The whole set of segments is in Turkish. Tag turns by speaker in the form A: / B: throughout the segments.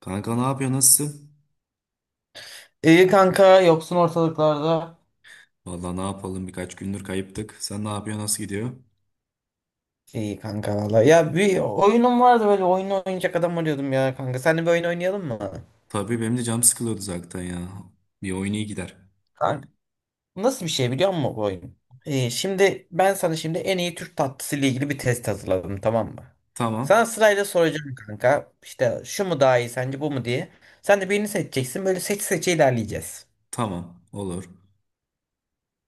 A: Kanka ne yapıyor, nasılsın?
B: İyi kanka yoksun ortalıklarda.
A: Vallahi ne yapalım, birkaç gündür kayıptık. Sen ne yapıyor, nasıl gidiyor?
B: İyi kanka valla. Ya bir oyunum vardı böyle oyun oynayacak adam arıyordum ya kanka. Seninle bir oyun oynayalım mı?
A: Tabii benim de canım sıkılıyordu zaten ya. Bir oyun iyi gider.
B: Kanka nasıl bir şey biliyor musun bu oyun? Şimdi ben sana şimdi en iyi Türk tatlısı ile ilgili bir test hazırladım tamam mı? Sana
A: Tamam.
B: sırayla soracağım kanka. İşte şu mu daha iyi sence bu mu diye. Sen de birini seçeceksin böyle seç seçe ilerleyeceğiz.
A: Tamam. Olur.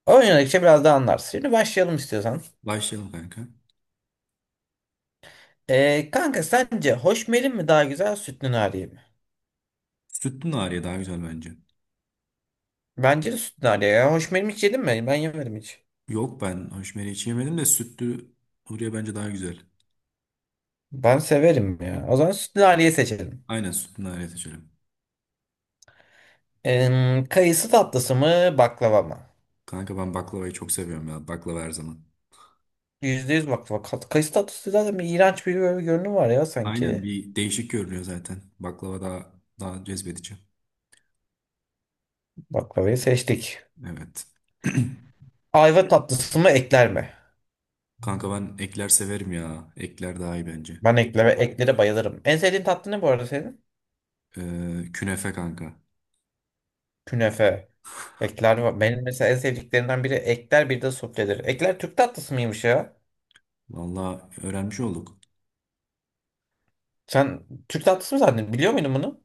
B: Oynadıkça biraz daha anlarsın. Şimdi başlayalım istiyorsan.
A: Başlayalım kanka.
B: Kanka sence hoşmelin mi daha güzel, sütlü nariye mi?
A: Sütlü Nariye daha güzel bence.
B: Bence de sütlü lale ya. Hoş benim hiç yedin mi? Ben yemedim hiç.
A: Yok, ben hoşmeri hiç yemedim de sütlü Huriye bence daha güzel.
B: Ben severim ya. O zaman sütlü laleyi seçelim.
A: Aynen, sütlü Nariye seçelim.
B: Kayısı tatlısı mı baklava mı?
A: Kanka ben baklavayı çok seviyorum ya. Baklava her zaman.
B: %100 baklava. Kayısı tatlısı zaten bir iğrenç bir böyle bir görünüm var ya
A: Aynen,
B: sanki.
A: bir değişik görünüyor zaten. Baklava daha daha cezbedici.
B: Baklavayı seçtik.
A: Evet.
B: Ayva tatlısı mı ekler mi?
A: Kanka ben ekler severim ya. Ekler daha iyi bence.
B: Ben ekleme, eklere bayılırım. En sevdiğin tatlı ne bu arada senin?
A: Künefe kanka.
B: Künefe. Ekler var. Benim mesela en sevdiklerinden biri ekler, bir de sufledir. Ekler Türk tatlısı mıymış ya?
A: Valla öğrenmiş olduk.
B: Sen Türk tatlısı mı zannediyorsun? Biliyor muydun bunu?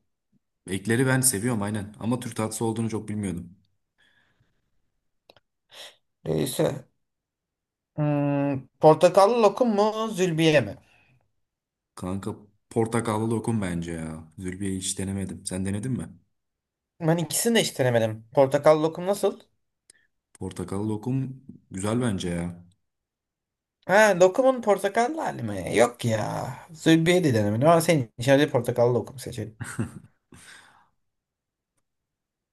A: Ekleri ben seviyorum aynen. Ama Türk tatlısı olduğunu çok bilmiyordum.
B: Neyse. Portakallı lokum mu, zülbiye mi?
A: Kanka portakallı lokum bence ya. Zülbiye'yi hiç denemedim. Sen denedin mi?
B: Ben ikisini de hiç denemedim. Portakallı lokum nasıl?
A: Portakallı lokum güzel bence ya.
B: Ha, lokumun portakallı hali mi? Yok ya. Zülbiye de denemedim ama senin için hadi portakallı lokum seçelim.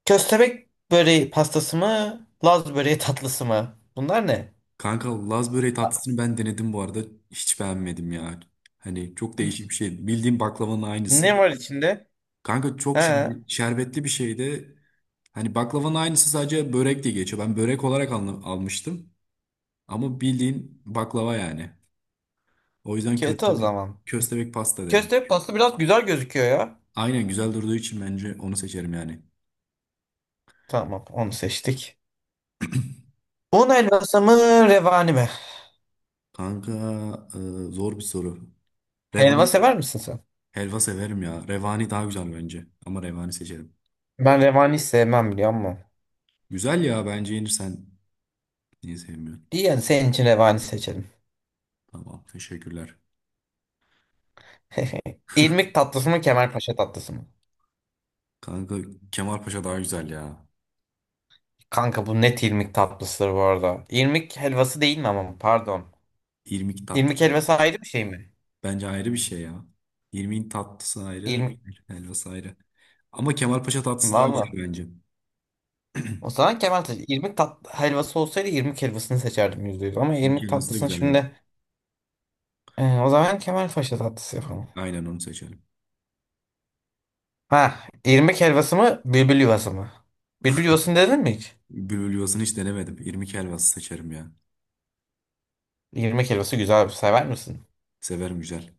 B: Köstebek böreği pastası mı, Laz böreği tatlısı mı? Bunlar ne?
A: Kanka Laz böreği tatlısını ben denedim bu arada. Hiç beğenmedim ya. Hani çok değişik bir şey. Bildiğim baklavanın aynısı.
B: Ne var içinde?
A: Kanka çok
B: Ha,
A: şerbetli bir şeydi. Hani baklavanın aynısı, sadece börek diye geçiyor. Ben börek olarak almıştım. Ama bildiğin baklava yani. O yüzden
B: kötü o
A: köstebek,
B: zaman.
A: köstebek pasta derim.
B: Köstebek pastası biraz güzel gözüküyor ya.
A: Aynen, güzel durduğu için bence onu seçerim yani.
B: Tamam, onu seçtik. Un helvası mı, revani mi?
A: Kanka e, zor bir soru.
B: Helva
A: Revan
B: sever misin sen?
A: helva severim ya. Revani daha güzel bence. Ama revani seçerim.
B: Ben revani sevmem biliyor musun?
A: Güzel ya, bence yenir sen. Niye sevmiyorsun?
B: İyi yani senin için revani seçelim.
A: Tamam, teşekkürler.
B: İrmik tatlısı mı Kemalpaşa tatlısı mı?
A: Kanka Kemalpaşa daha güzel ya.
B: Kanka bu net irmik tatlısıdır bu arada. İrmik helvası değil mi ama pardon.
A: İrmik
B: İrmik
A: tatlısı.
B: helvası ayrı bir şey mi?
A: Bence ayrı bir şey ya. İrmiğin tatlısı ayrı,
B: İrmik
A: helvası ayrı. Ama Kemalpaşa tatlısı daha güzel
B: valla.
A: bence.
B: O zaman Kemal Paşa. İrmik tat helvası olsaydı irmik helvasını seçerdim yüzde yüz. Ama
A: İrmik
B: irmik
A: helvası da
B: tatlısını
A: güzel, evet.
B: şimdi o zaman Kemal Paşa tatlısı yapalım.
A: Aynen onu seçerim.
B: Ha, irmik helvası mı bülbül yuvası mı? Bülbül yuvasını dedin mi hiç?
A: Bülbül yuvasını hiç denemedim. İrmik helvası seçerim ya.
B: İrmik helvası güzel, sever misin?
A: Severim, güzel.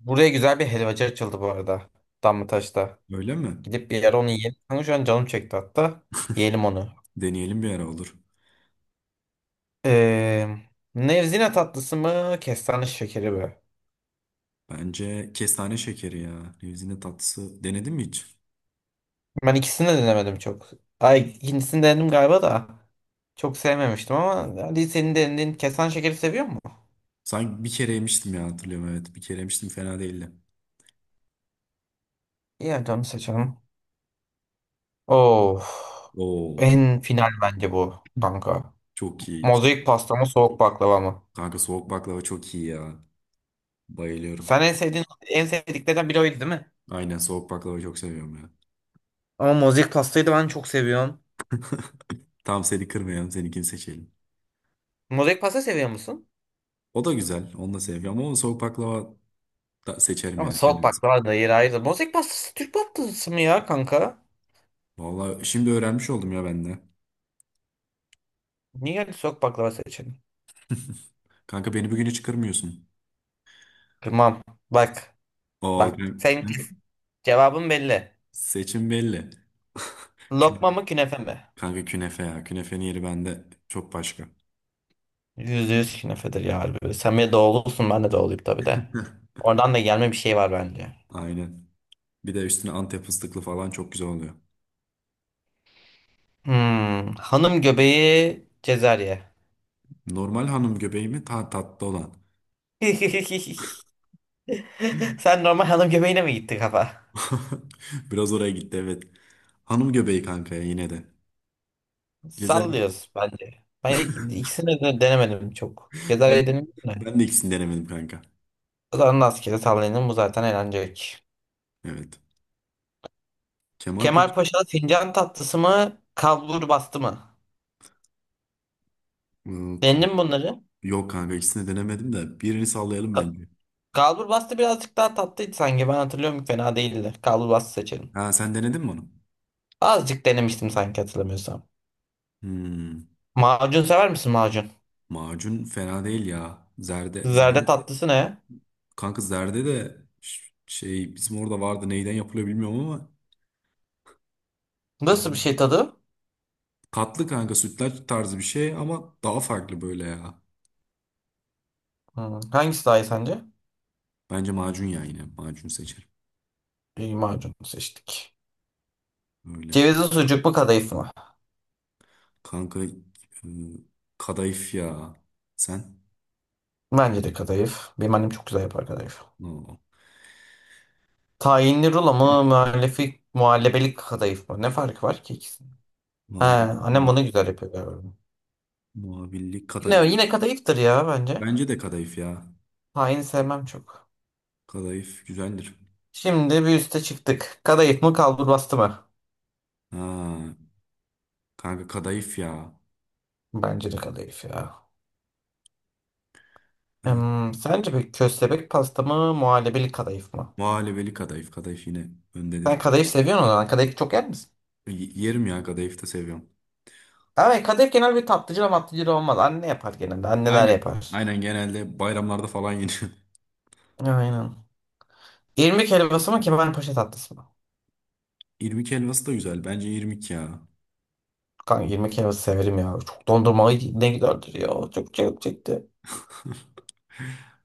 B: Buraya güzel bir helvacı açıldı bu arada. Damlataş'ta.
A: Öyle mi?
B: Gidip bir yere onu yiyelim. Kanka şu an canım çekti hatta. Yiyelim onu.
A: Deneyelim bir ara, olur.
B: Ee, Nevzine tatlısı mı, kestane şekeri mi?
A: Bence kestane şekeri ya. Nevzinde tatlısı. Denedin mi hiç?
B: Ben ikisini de denemedim çok. Ay ikincisini denedim galiba da. Çok sevmemiştim ama hadi senin denediğin kestane şekeri seviyor mu?
A: Sanki bir kere yemiştim ya, hatırlıyorum, evet. Bir kere yemiştim, fena değildi.
B: İyi hadi onu seçelim. Of.
A: Oo.
B: En final bence bu kanka.
A: Çok iyi.
B: Mozaik pasta mı soğuk baklava mı?
A: Kanka soğuk baklava çok iyi ya. Bayılıyorum.
B: Sen en sevdiğin, en sevdiklerden biri oydu değil mi?
A: Aynen soğuk baklava çok seviyorum ya.
B: Ama mozaik pastayı da ben çok seviyorum.
A: Tam seni kırmayalım, seninkini seçelim.
B: Mozaik pasta seviyor musun?
A: O da güzel, onu da seviyorum ama onu soğuk baklava da seçerim
B: Ama
A: yani ben en
B: soğuk
A: azından.
B: baklava da yeri ayrı. Bozek pastası Türk pastası mı ya kanka?
A: Vallahi şimdi öğrenmiş oldum ya ben de.
B: Niye geldi, soğuk baklava seçelim?
A: Kanka beni bugün hiç kırmıyorsun.
B: Tamam. Bak.
A: O
B: Bak. Sen, cevabın belli.
A: seçim belli. Künefe.
B: Lokma mı künefe mi?
A: Kanka künefe ya. Künefenin yeri bende çok başka.
B: Yüzde yüz künefedir ya harbi. Sen bir de doğulusun, ben de doğuluyum tabii de.
A: Heh.
B: Oradan da gelme bir şey var bence.
A: Aynen. Bir de üstüne Antep fıstıklı falan çok güzel oluyor.
B: Hmm. Hanım göbeği Cezarye.
A: Normal hanım göbeği mi? Ta tatlı olan.
B: Sen normal hanım göbeğine mi gitti kafa?
A: Biraz oraya gitti, evet. Hanım göbeği kanka ya yine de. Güzel.
B: Sallıyoruz bence. Ben ikisini de denemedim çok.
A: Ben,
B: Cezarye denemedim de.
A: Ben de ikisini denemedim kanka.
B: Zarını askeri sallayanın bu zaten eğlencelik.
A: Evet. Kemal Paşa...
B: Kemal Paşa'da fincan tatlısı mı, kalbur bastı mı?
A: Iı, Ka-
B: Denedin mi bunları?
A: Yok kanka, ikisini denemedim de birini sallayalım
B: Ka-
A: bence.
B: Kalbur bastı birazcık daha tatlıydı sanki. Ben hatırlıyorum fena değildi. Kalbur bastı seçelim.
A: Ha, sen denedin mi onu?
B: Azıcık denemiştim sanki hatırlamıyorsam.
A: Hmm,
B: Macun sever misin macun?
A: macun fena değil ya. Zerde,
B: Zerde
A: zerde
B: tatlısı ne?
A: kanka, zerde de şey, bizim orada vardı, neyden yapılıyor bilmiyorum ama güzel.
B: Nasıl bir şey tadı?
A: Katlı kanka, sütlaç tarzı bir şey ama daha farklı böyle ya.
B: Hmm, hangisi daha iyi sence?
A: Bence macun ya, yine macun seçerim.
B: İyi, macun seçtik.
A: Öyle.
B: Cevizli sucuk mu kadayıf mı?
A: Kanka kadayıf ya. Sen?
B: Bence de kadayıf. Benim annem çok güzel yapar kadayıf.
A: No.
B: Tayinli rulo mu, muhallefi, muhallebelik kadayıf mı? Ne farkı var ki ikisinin? He,
A: Vallahi
B: annem
A: bilmiyorum.
B: bunu güzel yapıyor galiba.
A: Muhabirlik
B: Yine,
A: kadayıf.
B: yine kadayıftır ya bence.
A: Bence de kadayıf ya.
B: Tayin sevmem çok.
A: Kadayıf güzeldir.
B: Şimdi bir üste çıktık. Kadayıf mı, kalburbastı mı?
A: Ha, kanka kadayıf ya.
B: Bence de kadayıf ya.
A: Ee,
B: Sence bir köstebek pasta mı, muhallebelik kadayıf mı?
A: Muhallebeli kadayıf. Kadayıf yine öndedir.
B: Sen kadayıf seviyorsun o zaman. Kadayıf çok yer misin?
A: Yerim ya, kadayıf da seviyorum.
B: Evet, kadayıf genel bir tatlıcıla matlıcıla olmaz. Anne yapar genelde. Anneler
A: Aynen.
B: yapar.
A: Aynen, genelde bayramlarda falan yeniyor.
B: Aynen. İrmik helvası mı, kemalpaşa tatlısı mı?
A: İrmik helvası da güzel. Bence irmik ya.
B: Kanka irmik helvası severim ya. Çok dondurmalı ne giderdir ya. Çok çekti.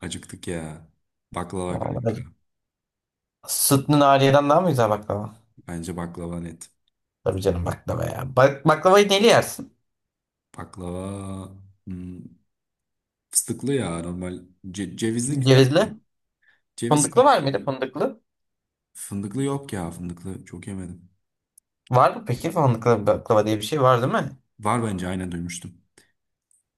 A: Acıktık ya. Baklava kanka.
B: Vallahi. Sütlü nariyeden daha mı güzel baklava?
A: Bence baklava net.
B: Tabii canım baklava ya. Bak, baklavayı neli yersin?
A: Baklava hmm, fıstıklı ya normal. Cevizli güzel
B: Cevizli.
A: de. Cevizli.
B: Fındıklı var mıydı fındıklı?
A: Fındıklı yok ya, fındıklı. Çok yemedim.
B: Var mı peki fındıklı baklava diye bir şey var değil mi?
A: Var bence, aynen duymuştum.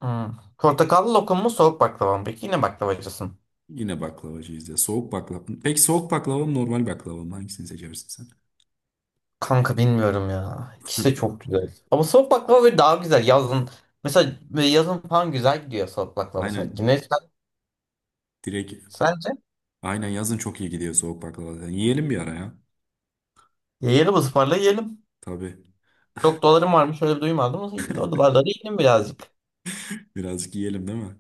B: Hmm. Portakallı lokum mu soğuk baklava mı? Peki yine baklavacısın.
A: Yine baklavacıyız ya. Soğuk baklava. Peki soğuk baklava mı normal baklava mı? Hangisini seçersin sen?
B: Kanka bilmiyorum ya. İkisi de çok güzel. Ama soğuk baklava böyle daha güzel yazın. Mesela böyle yazın falan güzel gidiyor soğuk baklava
A: Aynen.
B: sanki. Ne
A: Direkt.
B: sence?
A: Aynen yazın çok iyi gidiyor soğuk baklava zaten. Yiyelim bir ara ya.
B: Yiyelim, ısmarla yiyelim.
A: Tabii.
B: Çok dolarım varmış öyle bir duymadım, ama o dolarları yedim birazcık.
A: Birazcık yiyelim, değil mi?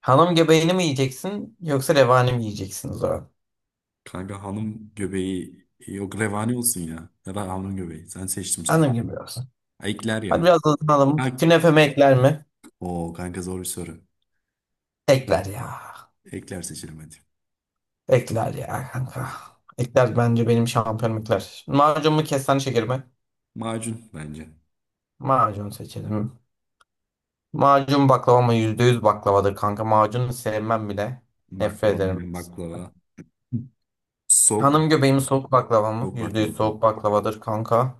B: Hanım göbeğini mi yiyeceksin yoksa revani mi yiyeceksin o zaman?
A: Kanka hanım göbeği yok, revani olsun ya. Ya da hanım göbeği. Sen seçtim sana.
B: Hanım gibi olsun.
A: Ha, ekler
B: Hadi
A: ya.
B: biraz hızlanalım.
A: Ha,
B: Künefe mi ekler mi?
A: o kanka zor bir soru.
B: Ekler ya.
A: Ekler seçelim hadi.
B: Ekler ya kanka. Ekler bence, benim şampiyonum ekler. Macun mu kestane şeker mi?
A: Macun bence.
B: Macun seçelim. Macun baklava mı? Yüz baklavadır kanka. Macunu sevmem bile. Nefret
A: Baklava,
B: ederim.
A: aynen baklava. Soğuk bak.
B: Hanım göbeği soğuk baklava mı?
A: Soğuk
B: %100
A: baklava
B: soğuk
A: kanka.
B: baklavadır kanka.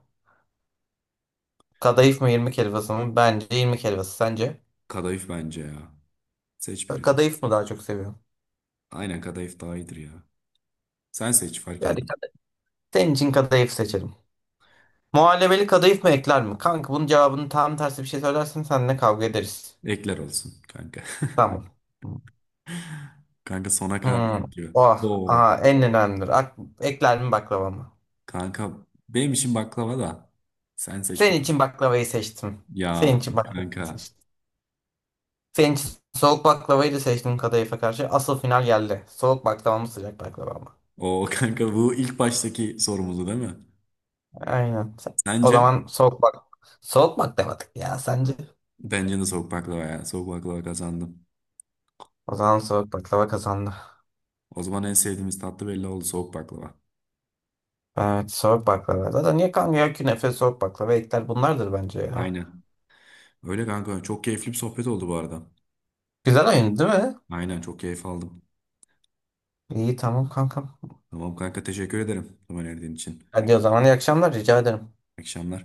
B: Kadayıf mı irmik helvası mı? Bence irmik helvası. Sence?
A: Kadayıf bence ya. Seç birini.
B: Kadayıf mı daha çok seviyorum?
A: Aynen kadayıf daha iyidir ya. Sen seç, fark
B: Yani
A: etmiyor.
B: senin için kadayıf seçelim. Muhallebeli kadayıf mı ekler mi? Kanka bunun cevabını tam tersi bir şey söylersen seninle kavga ederiz.
A: Ekler olsun kanka.
B: Tamam.
A: Kanka sona
B: Hmm.
A: kalacak diyor.
B: Oh,
A: Oo,
B: aha, en önemlidir. Ak, ekler mi baklava mı?
A: kanka benim için baklava da. Sen seç
B: Senin
A: bakalım.
B: için baklavayı seçtim.
A: Ya
B: Senin için baklavayı
A: kanka.
B: seçtim. Senin için soğuk baklavayı da seçtim kadayıfa karşı. Asıl final geldi. Soğuk baklava mı sıcak baklava mı?
A: O kanka bu ilk baştaki sorumuzdu değil mi?
B: Aynen. O
A: Sence?
B: zaman soğuk bak. Soğuk baklava ya sence?
A: Bence de soğuk baklava ya. Soğuk baklava kazandım.
B: O zaman soğuk baklava kazandı.
A: O zaman en sevdiğimiz tatlı belli oldu, soğuk baklava.
B: Evet, soğuk baklava. Zaten niye kanka ya, künefe, soğuk baklava, ekler bunlardır bence ya.
A: Aynen. Öyle kanka. Çok keyifli bir sohbet oldu bu arada.
B: Güzel oyun değil mi?
A: Aynen, çok keyif aldım.
B: İyi tamam kankam.
A: Tamam kanka, teşekkür ederim zaman verdiğin için. İyi
B: Hadi o zaman iyi akşamlar, rica ederim.
A: akşamlar.